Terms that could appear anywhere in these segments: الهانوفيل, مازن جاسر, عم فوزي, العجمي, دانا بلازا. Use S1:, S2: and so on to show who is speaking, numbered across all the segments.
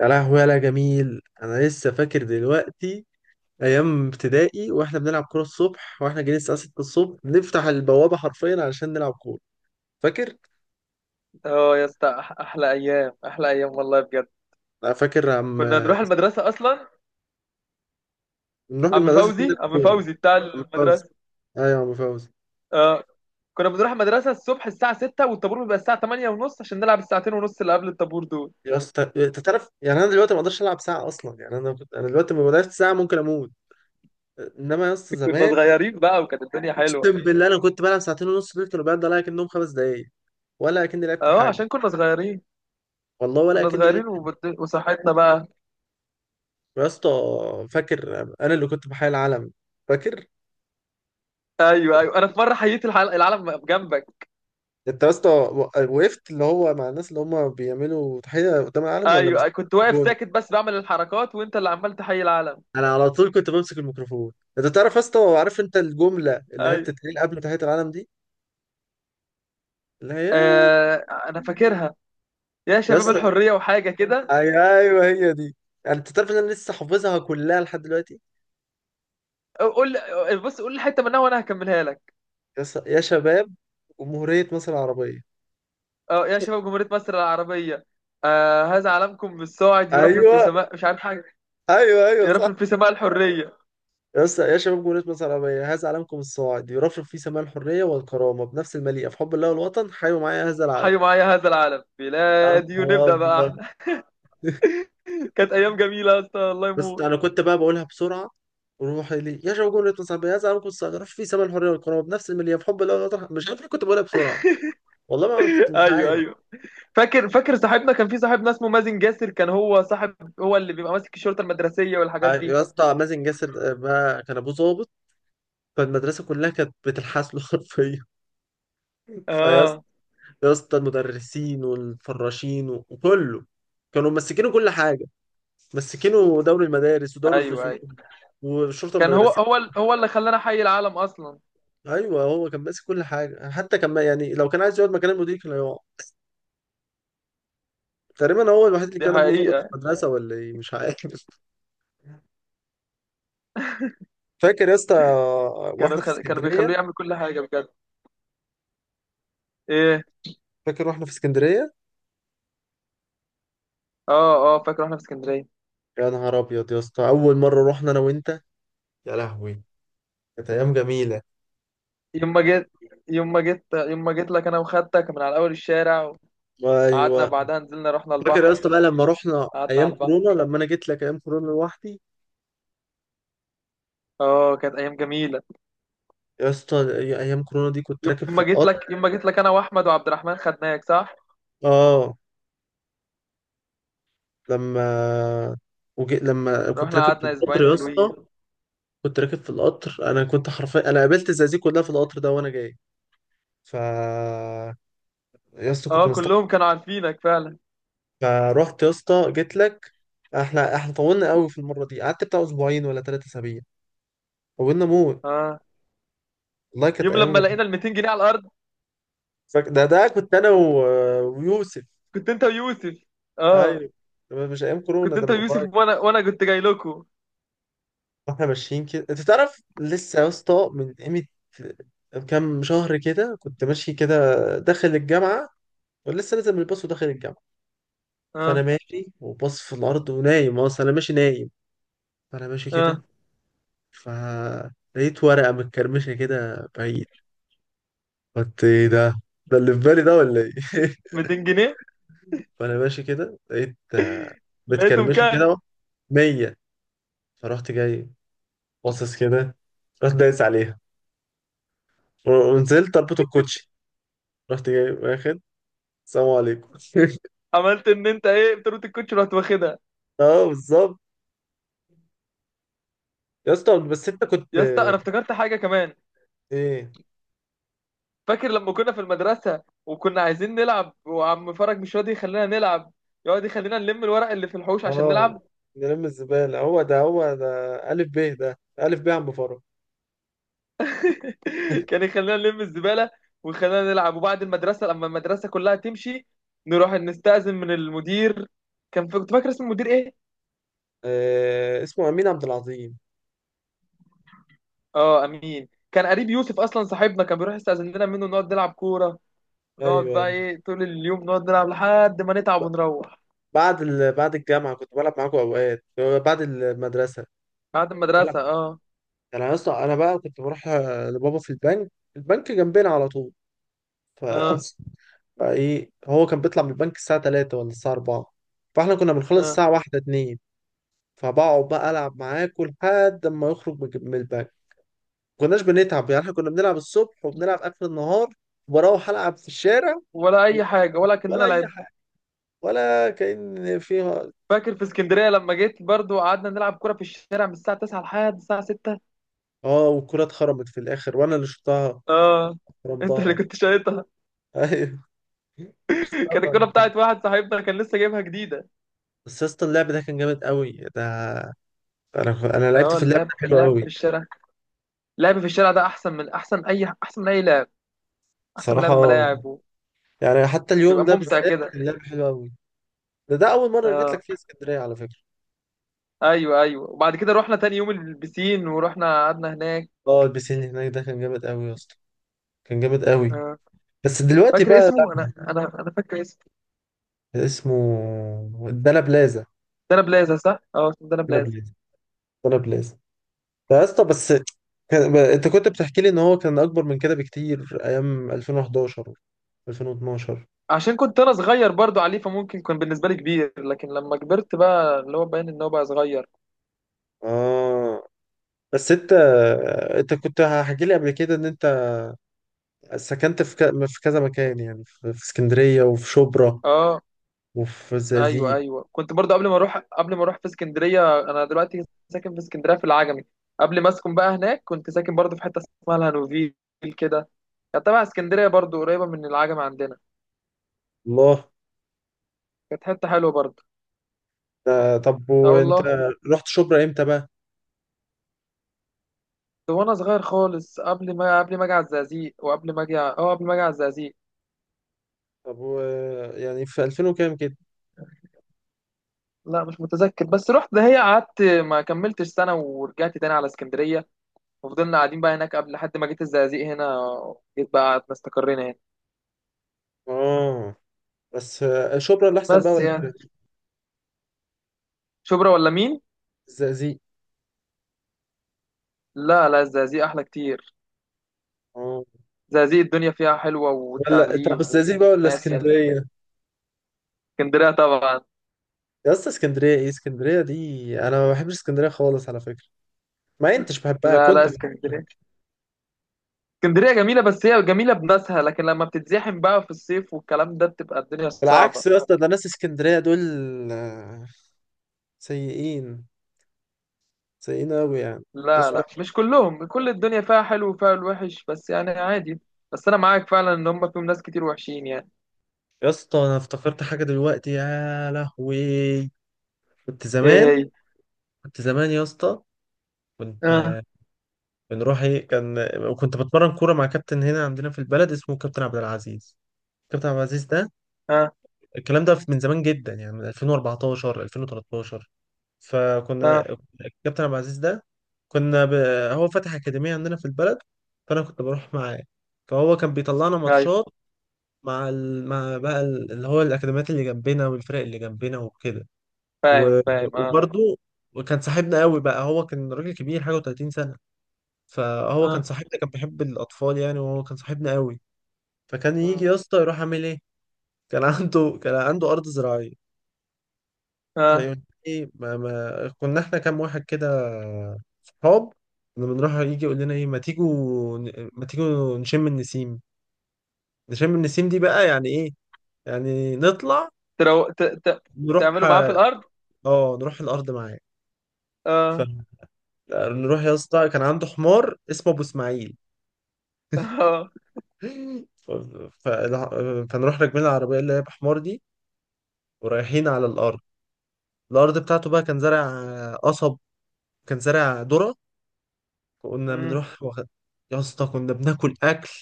S1: يا لهوي يا لا جميل، انا لسه فاكر دلوقتي ايام ابتدائي واحنا بنلعب كوره الصبح، واحنا جايين الساعه 6 الصبح نفتح البوابه حرفيا علشان نلعب كوره. فاكر؟
S2: اه يا اسطى، احلى ايام احلى ايام والله بجد.
S1: لا فاكر عم،
S2: كنا نروح المدرسه اصلا.
S1: نروح
S2: عم
S1: المدرسه عشان نلعب
S2: فوزي، عم
S1: كوره.
S2: فوزي بتاع
S1: عم فوزي.
S2: المدرسه.
S1: ايوه يا عم فوزي.
S2: اه. كنا بنروح المدرسه الصبح الساعه 6، والطابور بيبقى الساعه 8 ونص، عشان نلعب الساعتين ونص اللي قبل الطابور دول.
S1: يا اسطى انت تعرف يعني انا دلوقتي ما اقدرش العب ساعه اصلا، يعني انا دلوقتي ما بلعبش ساعه ممكن اموت. انما يا اسطى
S2: كنا
S1: زمان،
S2: صغيرين بقى، وكانت الدنيا حلوه.
S1: اقسم بالله انا كنت بلعب ساعتين ونص، دول كانوا بيعدوا عليا كانهم خمس دقايق، ولا اكني لعبت
S2: اه،
S1: حاجه.
S2: عشان كنا صغيرين.
S1: والله ولا
S2: كنا
S1: اكني لعبت.
S2: صغيرين، وصحتنا بقى.
S1: يا اسطى فاكر انا اللي كنت بحيي العلم؟ فاكر؟
S2: ايوه ايوه، انا في مره حييت العالم جنبك.
S1: انت يا اسطى و- وقفت اللي هو مع الناس اللي هم بيعملوا تحيه قدام العلم ولا
S2: ايوه
S1: مسكت
S2: أيوه. كنت واقف
S1: الجون.
S2: ساكت بس بعمل الحركات، وانت اللي عمال تحيي العالم.
S1: انا على طول كنت بمسك الميكروفون. انت تعرف يا اسطى؟ عارف انت الجمله اللي هي
S2: ايوه.
S1: بتتقال قبل تحيه العلم دي؟ اللي هي.
S2: آه... انا فاكرها. يا
S1: يا
S2: شباب
S1: اسطى.
S2: الحريه وحاجه كده.
S1: ايوه هي دي. يعني انت تعرف ان انا لسه حافظها كلها لحد دلوقتي.
S2: قول، بص قول الحته منها وانا هكملها لك.
S1: يا شباب جمهوريه مصر العربيه.
S2: اه، يا شباب جمهوريه مصر العربيه. آه، هذا علمكم بالصاعد يرفرف في
S1: ايوه،
S2: سماء مش عارف حاجه.
S1: ايوه، ايوه
S2: يرفرف في
S1: صح.
S2: سماء الحريه.
S1: يا اسطى: يا شباب جمهورية مصر العربية، هذا علمكم الصاعد يرفرف فيه سماع الحرية والكرامة بنفس المليئة في حب الله والوطن، حيوا معايا هذا العلم.
S2: حيوا معايا هذا العلم
S1: يا
S2: بلادي،
S1: نهار
S2: ونبدا بقى
S1: أبيض.
S2: احنا. كانت ايام جميله يا اسطى، الله
S1: بس
S2: يموت.
S1: أنا كنت بقى بقولها بسرعة: وروح لي يا شباب جمهورية مصر العربية هذا علمكم الصاعد يرفرف فيه سماع الحرية والكرامة بنفس المليئة في حب الله والوطن. مش عارف ليه كنت بقولها بسرعة. والله ما أنا كنت مش
S2: ايوه
S1: عارف.
S2: ايوه، فاكر فاكر. صاحبنا كان، في صاحبنا اسمه مازن جاسر، كان هو صاحب، هو اللي بيبقى ماسك الشرطه المدرسيه والحاجات دي.
S1: يا اسطى مازن جاسر، بقى كان ابوه ظابط، فالمدرسة كلها كانت بتلحس له حرفيا. فيا اسطى،
S2: اه.
S1: يا اسطى المدرسين والفراشين وكله كانوا ممسكين كل حاجة. مسكينه دوري المدارس ودوري
S2: ايوه
S1: الفصول
S2: ايوه،
S1: والشرطه
S2: كان هو
S1: المدرسيه.
S2: هو ال- هو اللي خلانا حي العالم اصلا.
S1: ايوه هو كان ماسك كل حاجه، حتى كان ما- يعني لو كان عايز يقعد مكان المدير كان هيقعد. تقريبا هو الوحيد اللي
S2: دي
S1: كان ابوه ظابط في
S2: حقيقه.
S1: المدرسه ولا ايه مش عارف. فاكر يا اسطى واحنا في
S2: كانوا بيخلوه
S1: اسكندريه؟
S2: يعمل كل حاجه بجد. ايه.
S1: فاكر واحنا في اسكندريه؟
S2: اه اه، فاكر واحنا في اسكندريه.
S1: يا نهار ابيض يا اسطى، اول مره رحنا انا وانت. يا لهوي كانت ايام جميله.
S2: يوم ما جيت يوم ما جيت لك، انا وخدتك من على اول الشارع، وقعدنا
S1: ايوه.
S2: بعدها، نزلنا رحنا
S1: فاكر يا اسطى
S2: البحر.
S1: بقى لما رحنا
S2: قعدنا
S1: ايام
S2: على البحر.
S1: كورونا، لما انا جيت لك ايام كورونا لوحدي؟
S2: اه، كانت ايام جميله.
S1: يا اسطى ايام كورونا دي كنت
S2: يوم
S1: راكب في
S2: ما جيت
S1: القطر.
S2: لك يوم ما جيت لك انا واحمد وعبد الرحمن، خدناك صح.
S1: اه. لما لما كنت
S2: رحنا
S1: راكب في
S2: قعدنا
S1: القطر
S2: اسبوعين
S1: يا اسطى،
S2: حلوين.
S1: كنت راكب في القطر، انا كنت حرفيا انا قابلت الزقازيق كلها في القطر ده وانا جاي. ف، يا اسطى كنت
S2: اه،
S1: مستحمل.
S2: كلهم كانوا عارفينك فعلا.
S1: فروحت يا اسطى جيت لك. احنا طولنا قوي في المره دي، قعدت بتاع اسبوعين ولا ثلاثة اسابيع. طولنا موت.
S2: اه.
S1: والله كانت
S2: يوم
S1: ايام
S2: لما
S1: جميله.
S2: لقينا ال 200 جنيه على الارض.
S1: ده كنت انا و... ويوسف.
S2: كنت انت ويوسف. اه.
S1: ايوه. ده مش ايام كورونا،
S2: كنت
S1: ده
S2: انت
S1: من
S2: ويوسف،
S1: قريب.
S2: وانا كنت جاي لكم.
S1: واحنا ماشيين كده، انت تعرف لسه يا اسطى من قيمة كام شهر كده، كنت ماشي كده داخل الجامعة، ولسه نازل من الباص وداخل الجامعة. فانا
S2: اه
S1: ماشي وباص في الارض، ونايم اصلا انا ماشي نايم. فانا ماشي كده،
S2: اه،
S1: فلقيت ورقة متكرمشة كده بعيد. قلت ايه ده؟ ده اللي في بالي ده ولا ايه؟
S2: 200 جنيه.
S1: فانا ماشي كده لقيت
S2: لقيتهم
S1: متكرمشة
S2: كام.
S1: كده. 100. فرحت جاي، باصص كده، رحت دايس عليها، ونزلت اربط الكوتشي، رحت جاي واخد. السلام عليكم.
S2: عملت ان انت ايه، بتروت الكوتش، رحت واخدها.
S1: اه بالظبط. يا اسطى بس انت كنت
S2: يا اسطى، انا افتكرت حاجه كمان.
S1: ايه.
S2: فاكر لما كنا في المدرسه، وكنا عايزين نلعب، وعم فرج مش راضي يخلينا نلعب. يقعد يخلينا نلم الورق اللي في الحوش عشان
S1: اه
S2: نلعب.
S1: نلم الزبالة، هو ده هو ده. ألف ب ده، ألف ب عم فرج.
S2: كان يخلينا نلم الزباله، ويخلينا نلعب. وبعد المدرسه، لما المدرسه كلها تمشي، نروح نستأذن من المدير. كنت فاكر اسم المدير ايه.
S1: آه اسمه أمين عبد العظيم.
S2: اه، امين. كان قريب يوسف اصلا صاحبنا، كان بيروح يستأذن لنا منه نقعد نلعب كوره. نقعد
S1: ايوه
S2: بقى
S1: ايوه.
S2: ايه طول اليوم نقعد نلعب لحد ما نتعب ونروح.
S1: بعد الجامعه كنت بلعب معاكم اوقات، بعد المدرسه
S2: بعد
S1: كنت بلعب.
S2: المدرسه، اه.
S1: انا يا اسطى انا بقى كنت بروح لبابا في البنك، البنك جنبنا على طول. ف،
S2: اه.
S1: فايه، هو كان بيطلع من البنك الساعه 3 ولا الساعه 4، فاحنا كنا بنخلص
S2: اه،
S1: الساعه 1، 2. فبقعد بقى العب معاه كل لحد ما يخرج من البنك. ما كناش بنتعب يعني، احنا كنا بنلعب الصبح وبنلعب اخر النهار، وبروح العب في الشارع،
S2: ولا اي حاجه، ولا
S1: ولا
S2: كاننا
S1: اي
S2: لعب.
S1: حاجه، ولا كأن فيها.
S2: فاكر في اسكندريه لما جيت برضو، قعدنا نلعب كوره في الشارع من الساعه 9 لحد الساعه 6.
S1: اه والكرة اتخرمت في الاخر وانا اللي شطها.
S2: اه، انت اللي
S1: خرمتها.
S2: كنت شايطها.
S1: ايوه شطها
S2: كانت الكوره
S1: خرمت.
S2: بتاعت واحد صاحبنا، كان لسه جايبها جديده.
S1: بس يا اسطى اللعب ده كان جامد قوي ده. انا، انا لعبت
S2: اه،
S1: في اللعب ده
S2: اللعب،
S1: حلو
S2: اللعب
S1: قوي
S2: في الشارع، اللعب في الشارع ده احسن من، احسن اي، احسن من اي لعب. احسن من لعب
S1: بصراحه.
S2: الملاعب.
S1: يعني حتى اليوم
S2: وبيبقى
S1: ده
S2: ممتع
S1: بالذات
S2: كده.
S1: كان اللعب حلو قوي. ده ده اول مره جيت
S2: اه،
S1: لك فيها اسكندريه على فكره.
S2: ايوه ايوه. وبعد كده رحنا تاني يوم البسين، ورحنا قعدنا هناك.
S1: اه البسين اللي هناك ده كان جامد قوي يا اسطى، كان جامد قوي.
S2: اه،
S1: بس دلوقتي
S2: فاكر
S1: بقى لا.
S2: اسمه، انا انا انا فاكر اسمه.
S1: اسمه دانا بلازا.
S2: دانا بلازا، صح. اه، اسمه دانا
S1: دانا
S2: بلازا.
S1: بلازا. دانا بلازا. يا اسطى بس كان... انت كنت بتحكي لي ان هو كان اكبر من كده بكتير، ايام 2011، 2012.
S2: عشان كنت انا صغير برضو عليه، فممكن كان بالنسبه لي كبير، لكن لما كبرت بقى اللي هو باين ان هو بقى صغير.
S1: اه بس انت كنت هحكي لي قبل كده ان انت سكنت في في كذا مكان يعني، في... في اسكندرية، وفي شبرا،
S2: اه.
S1: وفي
S2: ايوه
S1: الزقازيق.
S2: ايوه، كنت برضو قبل ما اروح، قبل ما اروح في اسكندريه. انا دلوقتي ساكن في اسكندريه في العجمي. قبل ما اسكن بقى هناك، كنت ساكن برضو في حته اسمها الهانوفيل كده. كانت تبع اسكندريه برضو، قريبه من العجمي عندنا.
S1: الله.
S2: كانت حته حلوه برضو.
S1: ده... طب
S2: اه
S1: وانت
S2: والله.
S1: رحت شبرا امتى بقى؟
S2: ده وانا صغير خالص، قبل ما اجي على الزقازيق، وقبل ما اجي ع- اه قبل ما اجي على الزقازيق.
S1: طب و... يعني في 2000 وكام كده؟
S2: لا مش متذكر، بس رحت دهية، قعدت ما كملتش سنة، ورجعت تاني على اسكندرية. وفضلنا قاعدين بقى هناك، قبل لحد ما جيت الزقازيق هنا. جيت بقى قعدنا استقرينا هنا.
S1: اه. بس شبرا اللي احسن بقى
S2: بس
S1: ولا
S2: يعني،
S1: الزقازيق؟
S2: شبرا ولا مين؟
S1: الزقازيق.
S2: لا لا، الزقازيق أحلى كتير.
S1: اه.
S2: الزقازيق الدنيا فيها حلوة،
S1: ولا طب
S2: والتعليم،
S1: الزقازيق بقى ولا
S2: وناس، يعني.
S1: اسكندريه؟
S2: اسكندرية طبعا.
S1: يا اسطى اسكندريه؟ ايه اسكندريه دي، انا ما بحبش اسكندريه خالص على فكره. ما انتش بحبها
S2: لا لا،
S1: كنت.
S2: اسكندرية، اسكندرية جميلة، بس هي جميلة بناسها، لكن لما بتتزاحم بقى في الصيف والكلام ده، بتبقى الدنيا صعبة.
S1: بالعكس يا اسطى، ده ناس اسكندريه دول آه، سيئين، سيئين قوي يعني،
S2: لا
S1: ناس
S2: لا،
S1: وحشة.
S2: مش كلهم، كل الدنيا فيها حلو وفيها الوحش، بس يعني عادي. بس انا معاك فعلا، ان هم فيهم ناس كتير وحشين يعني.
S1: يا اسطى انا افتكرت حاجه دلوقتي، يا لهوي. كنت
S2: ايه.
S1: زمان،
S2: هي.
S1: كنت زمان يا اسطى، كنت
S2: اه.
S1: بنروح ايه كان، كنت بتمرن كوره مع كابتن هنا عندنا في البلد اسمه كابتن عبد العزيز. كابتن عبد العزيز ده،
S2: اه.
S1: الكلام ده من زمان جدا، يعني من 2014، 2013.
S2: اه.
S1: فكنا، الكابتن عبد العزيز ده كنا هو فتح أكاديمية عندنا في البلد، فأنا كنت بروح معاه، فهو كان بيطلعنا
S2: ايوه.
S1: ماتشات مع مع بقى اللي هو الأكاديميات اللي جنبنا والفرق اللي جنبنا وكده.
S2: فاهم
S1: و...
S2: فاهم، اه.
S1: وبرضه، وكان صاحبنا قوي بقى، هو كان راجل كبير حاجة و30 سنة. فهو كان
S2: اه.
S1: صاحبنا، كان بيحب الأطفال يعني، وهو كان صاحبنا قوي. فكان يجي
S2: اه،
S1: يا اسطى يروح عامل إيه، كان عنده أرض زراعية.
S2: آه.
S1: فيقول لي، ما كنا احنا كام واحد كده، صحاب، كنا بنروح، يجي يقول لنا ايه، ما تيجوا، ما تيجوا نشم النسيم. نشم النسيم دي بقى يعني ايه، يعني نطلع
S2: ترو... ت... ت...
S1: نروح.
S2: تعملوا معاه في الارض.
S1: اه نروح الارض معاه.
S2: اه.
S1: فنروح يا اسطى، كان عنده حمار اسمه ابو اسماعيل.
S2: اه.
S1: ف... ف... فنروح راكبين العربيه اللي هي بحمار دي، ورايحين على الارض. الارض بتاعته بقى كان زارع قصب، كان زارع ذره. كنا
S2: مم.
S1: بنروح واخد. يا اسطى كنا بناكل اكل،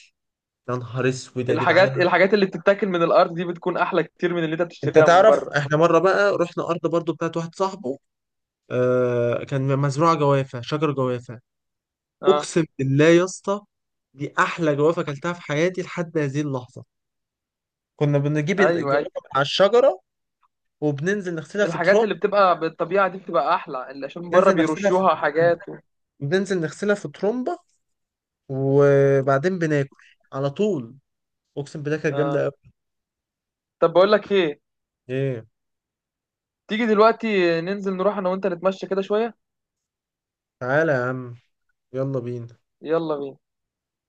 S1: يا نهار اسود يا
S2: الحاجات
S1: جدعان.
S2: الحاجات اللي بتتاكل من الارض دي، بتكون احلى كتير من اللي انت
S1: انت
S2: بتشتريها من
S1: تعرف
S2: بره.
S1: احنا مره بقى رحنا ارض برضو بتاعت واحد صاحبه، آه كان مزروعه جوافه، شجر جوافه.
S2: اه.
S1: اقسم بالله يا اسطى، دي احلى جوافه اكلتها في حياتي لحد هذه اللحظه. كنا بنجيب
S2: ايوه
S1: الجوافه
S2: ايوه.
S1: من على الشجره، وبننزل نغسلها في
S2: الحاجات
S1: ترمب،
S2: اللي بتبقى بالطبيعه دي بتبقى احلى، اللي عشان بره
S1: ننزل نغسلها في،
S2: بيرشوها حاجات و...
S1: بننزل نغسلها في ترمبه، وبعدين بناكل على طول. اقسم بالله كانت جامده
S2: اه.
S1: قوي.
S2: طب بقول لك ايه.
S1: ايه.
S2: تيجي دلوقتي ننزل نروح انا وانت، نتمشى كده شوية.
S1: تعالى يا عم، يلا بينا.
S2: يلا بينا.